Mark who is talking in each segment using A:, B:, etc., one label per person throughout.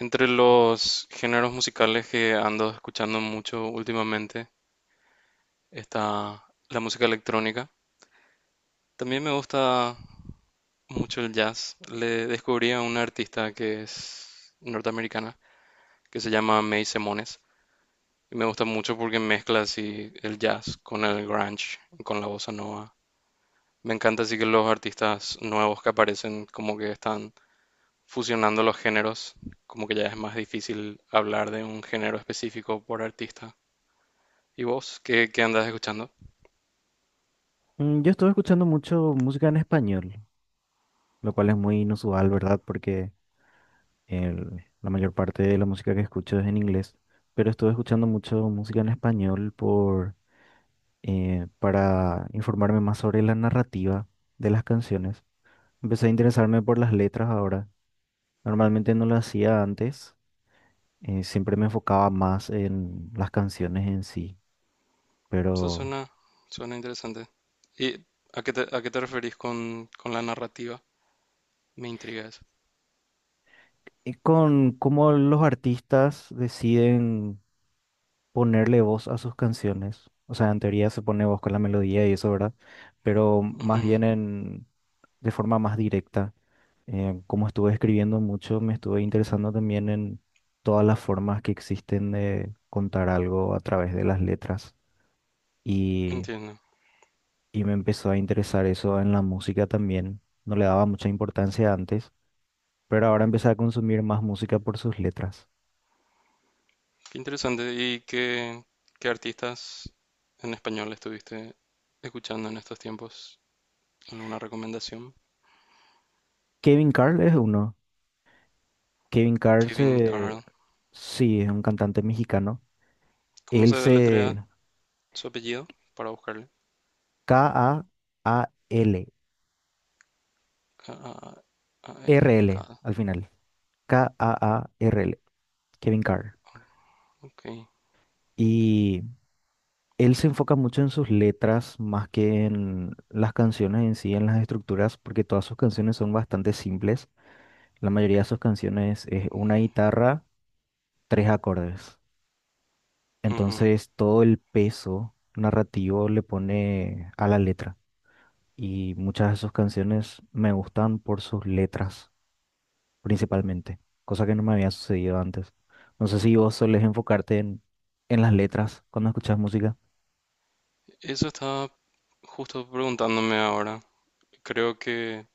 A: Entre los géneros musicales que ando escuchando mucho últimamente está la música electrónica. También me gusta mucho el jazz. Le descubrí a una artista que es norteamericana, que se llama May Semones. Y me gusta mucho porque mezcla así el jazz con el grunge, con la bossa nova. Me encanta así que los artistas nuevos que aparecen como que están fusionando los géneros, como que ya es más difícil hablar de un género específico por artista. ¿Y vos qué andás escuchando?
B: Yo estuve escuchando mucho música en español, lo cual es muy inusual, ¿verdad? Porque la mayor parte de la música que escucho es en inglés, pero estuve escuchando mucho música en español por, para informarme más sobre la narrativa de las canciones. Empecé a interesarme por las letras ahora. Normalmente no lo hacía antes, siempre me enfocaba más en las canciones en sí,
A: Eso
B: pero
A: suena interesante. ¿Y a qué te referís con la narrativa? Me intriga eso.
B: con cómo los artistas deciden ponerle voz a sus canciones. O sea, en teoría se pone voz con la melodía y eso, ¿verdad? Pero más
A: Ujú,
B: bien en, de forma más directa. Como estuve escribiendo mucho, me estuve interesando también en todas las formas que existen de contar algo a través de las letras. Y,
A: entiendo.
B: y me empezó a interesar eso en la música también. No le daba mucha importancia antes, pero ahora empecé a consumir más música por sus letras.
A: Qué interesante. ¿Y qué artistas en español estuviste escuchando en estos tiempos? ¿Alguna recomendación?
B: Kevin Carl es uno. Kevin Carl
A: Kevin
B: se...
A: Carl.
B: Sí, es un cantante mexicano.
A: ¿Cómo
B: Él
A: se deletrea
B: se...
A: su apellido? Para buscarle.
B: KAAL. RL
A: KAALK.
B: al final. KAARL. Kevin Carr.
A: Ok.
B: Y él se enfoca mucho en sus letras más que en las canciones en sí, en las estructuras, porque todas sus canciones son bastante simples. La mayoría de sus canciones es una guitarra, tres acordes.
A: Ujú.
B: Entonces todo el peso narrativo le pone a la letra. Y muchas de sus canciones me gustan por sus letras, principalmente, cosa que no me había sucedido antes. No sé si vos solés enfocarte en las letras cuando escuchas música.
A: Eso estaba justo preguntándome ahora. Creo que,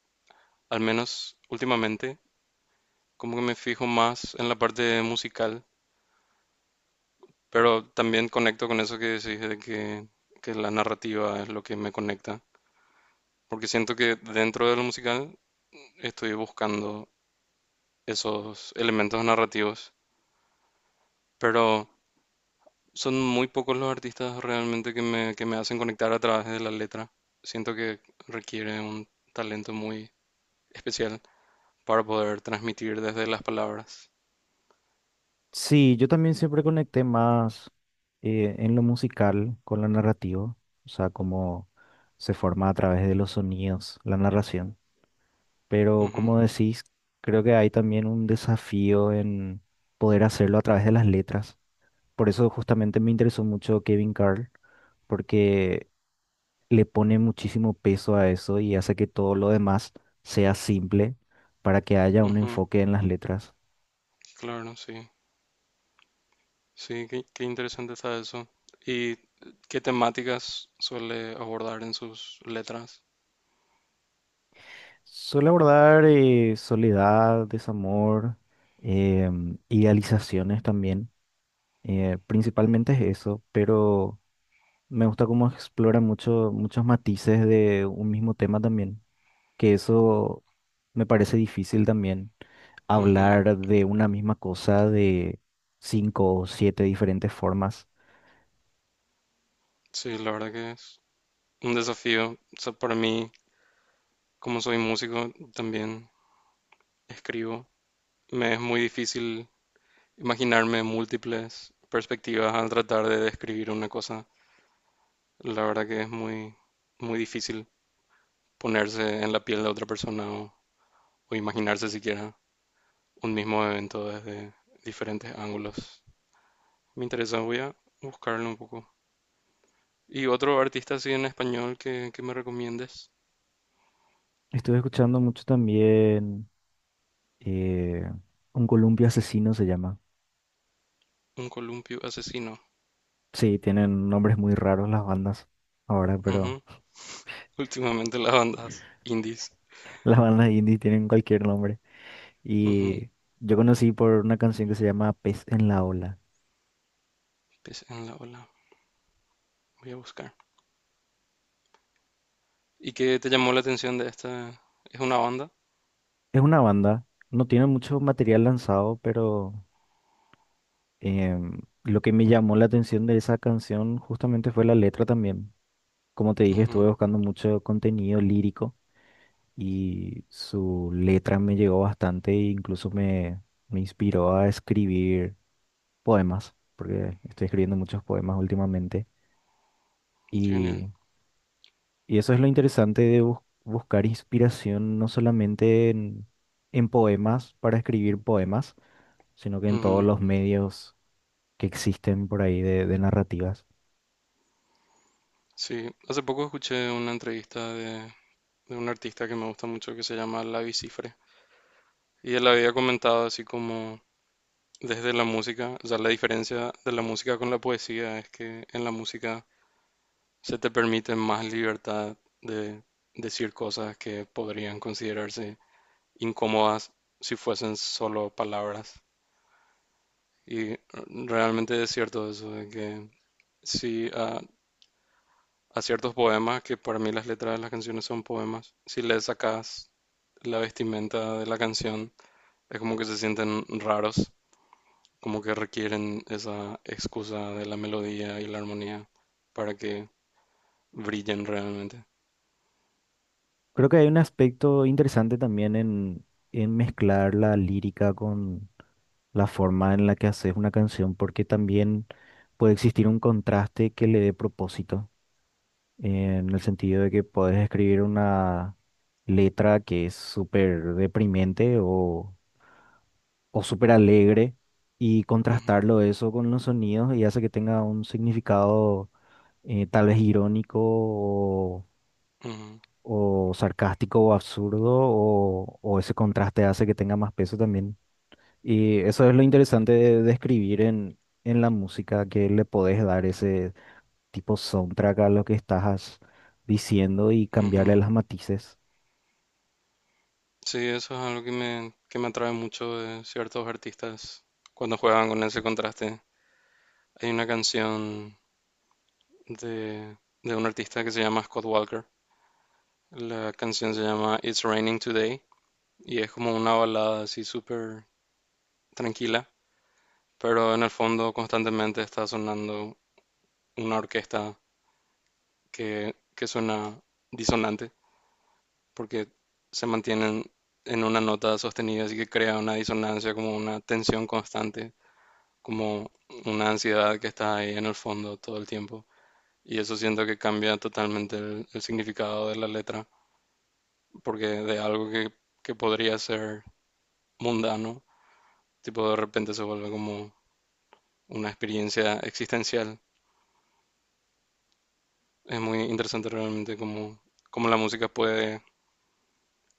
A: al menos últimamente, como que me fijo más en la parte musical, pero también conecto con eso que decís que la narrativa es lo que me conecta, porque siento que dentro de lo musical estoy buscando esos elementos narrativos, pero son muy pocos los artistas realmente que me hacen conectar a través de la letra. Siento que requiere un talento muy especial para poder transmitir desde las palabras.
B: Sí, yo también siempre conecté más en lo musical con la narrativa, o sea, cómo se forma a través de los sonidos, la narración. Pero
A: Ujú,
B: como decís, creo que hay también un desafío en poder hacerlo a través de las letras. Por eso justamente me interesó mucho Kevin Carl, porque le pone muchísimo peso a eso y hace que todo lo demás sea simple para que haya un
A: ujú,
B: enfoque en las letras.
A: claro, sí. Sí, qué interesante está eso. ¿Y qué temáticas suele abordar en sus letras?
B: Suele abordar soledad, desamor, idealizaciones también. Principalmente es eso, pero me gusta cómo explora mucho, muchos matices de un mismo tema también, que eso me parece difícil también,
A: Ujú.
B: hablar de una misma cosa de cinco o siete diferentes formas.
A: Sí, la verdad que es un desafío. O sea, para mí, como soy músico, también escribo. Me es muy difícil imaginarme múltiples perspectivas al tratar de describir una cosa. La verdad que es muy difícil ponerse en la piel de otra persona o imaginarse siquiera un mismo evento desde diferentes ángulos. Me interesa, voy a buscarlo un poco. Y otro artista así en español que me recomiendes,
B: Estuve escuchando mucho también eh, Un Columpio Asesino se llama.
A: Un columpio asesino.
B: Sí, tienen nombres muy raros las bandas ahora, pero
A: Ujú. Últimamente las bandas indies.
B: las bandas indie tienen cualquier nombre.
A: Ujú.
B: Y yo conocí por una canción que se llama Pez en la Ola.
A: Pez en la ola. Voy a buscar. ¿Y qué te llamó la atención de esta? ¿Es una banda?
B: Es una banda, no tiene mucho material lanzado, pero lo que me llamó la atención de esa canción justamente fue la letra también. Como te dije, estuve
A: Ujú.
B: buscando mucho contenido lírico. Y su letra me llegó bastante e incluso me, me inspiró a escribir poemas, porque estoy escribiendo muchos poemas últimamente.
A: Qué genial.
B: Y, y eso es lo interesante de buscar inspiración no solamente en poemas para escribir poemas, sino que en todos
A: Ujú.
B: los medios que existen por ahí de, narrativas.
A: Sí, hace poco escuché una entrevista de un artista que me gusta mucho que se llama Lavi Cifre. Y él había comentado así como desde la música, o sea, la diferencia de la música con la poesía es que en la música se te permite más libertad de decir cosas que podrían considerarse incómodas si fuesen solo palabras. Y realmente es cierto eso, de que si a ciertos poemas, que para mí las letras de las canciones son poemas, si le sacas la vestimenta de la canción, es como que se sienten raros, como que requieren esa excusa de la melodía y la armonía para que brillen realmente.
B: Creo que hay un aspecto interesante también en mezclar la lírica, la forma en la que haces una canción, porque también puede existir un contraste que le dé propósito, en el sentido de que puedes escribir una letra que es súper deprimente o súper alegre y
A: Ujú,
B: contrastarlo eso con los sonidos y hace que tenga un significado tal vez irónico o,
A: ujú,
B: o sarcástico o absurdo o ese contraste hace que tenga más peso también. Y eso es lo interesante de, escribir en la música, que le podés dar ese tipo soundtrack a lo que estás diciendo y cambiarle
A: ujú.
B: las matices.
A: Sí, eso es algo que me atrae mucho de ciertos artistas cuando juegan con ese contraste. Hay una canción de, de un artista que se llama Scott Walker. La canción se llama It's Raining Today y es como una balada así súper tranquila, pero en el fondo constantemente está sonando una orquesta que suena disonante porque se mantienen en una nota sostenida, así que crea una disonancia como una tensión constante como una ansiedad que está ahí en el fondo todo el tiempo. Y eso siento que cambia totalmente el significado de la letra, porque de algo que podría ser mundano, tipo de repente se vuelve como una experiencia existencial. Es muy interesante cómo la música puede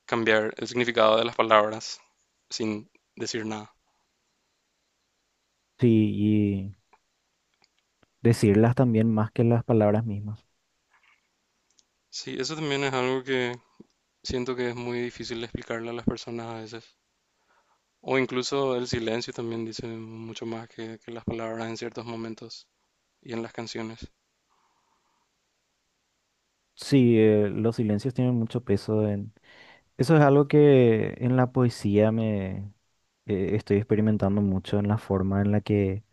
A: cambiar el significado de las palabras sin decir nada.
B: Sí, y decirlas también más que las palabras mismas.
A: Sí, eso también es algo que siento que es muy difícil explicarle a las personas a veces. O incluso el silencio también dice mucho más que las palabras en ciertos momentos y en las canciones.
B: Sí, los silencios tienen mucho peso en... Eso es algo que en la poesía me estoy experimentando mucho en la forma en la que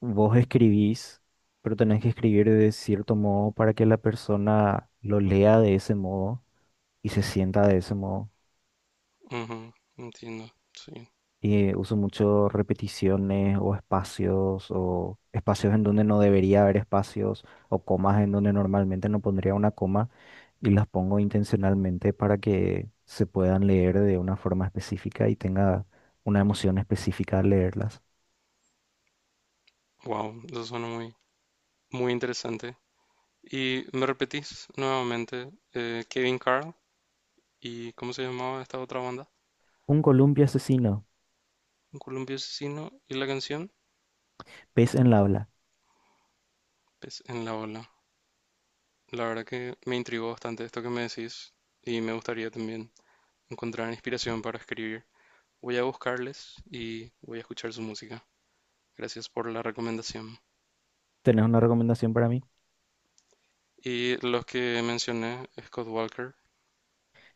B: vos escribís, pero tenés que escribir de cierto modo para que la persona lo lea de ese modo y se sienta de ese modo.
A: Ujú, entiendo, sí.
B: Y uso mucho repeticiones o espacios en donde no debería haber espacios o comas en donde normalmente no pondría una coma y las pongo intencionalmente para que se puedan leer de una forma específica y tenga una emoción específica al leerlas.
A: Wow, eso suena muy interesante. Y me repetís nuevamente, Kevin Carl y cómo se llamaba esta otra banda,
B: Un columpio asesino,
A: Un Columpio Asesino y la canción,
B: pez en la habla.
A: pues en la ola. La verdad que me intrigó bastante esto que me decís y me gustaría también encontrar inspiración para escribir. Voy a buscarles y voy a escuchar su música. Gracias por la recomendación.
B: ¿Tenés una recomendación para mí?
A: Y los que mencioné, Scott Walker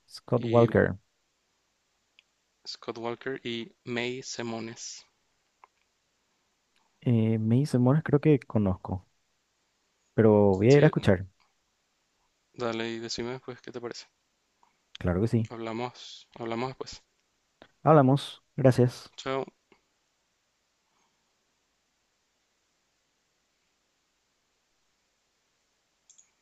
B: Scott
A: y
B: Walker.
A: y May Semones.
B: Me dice, Morris, creo que conozco, pero voy a ir a
A: Sí,
B: escuchar.
A: dale y decime después qué te parece.
B: Claro que sí.
A: Hablamos después.
B: Hablamos. Gracias.
A: Chao.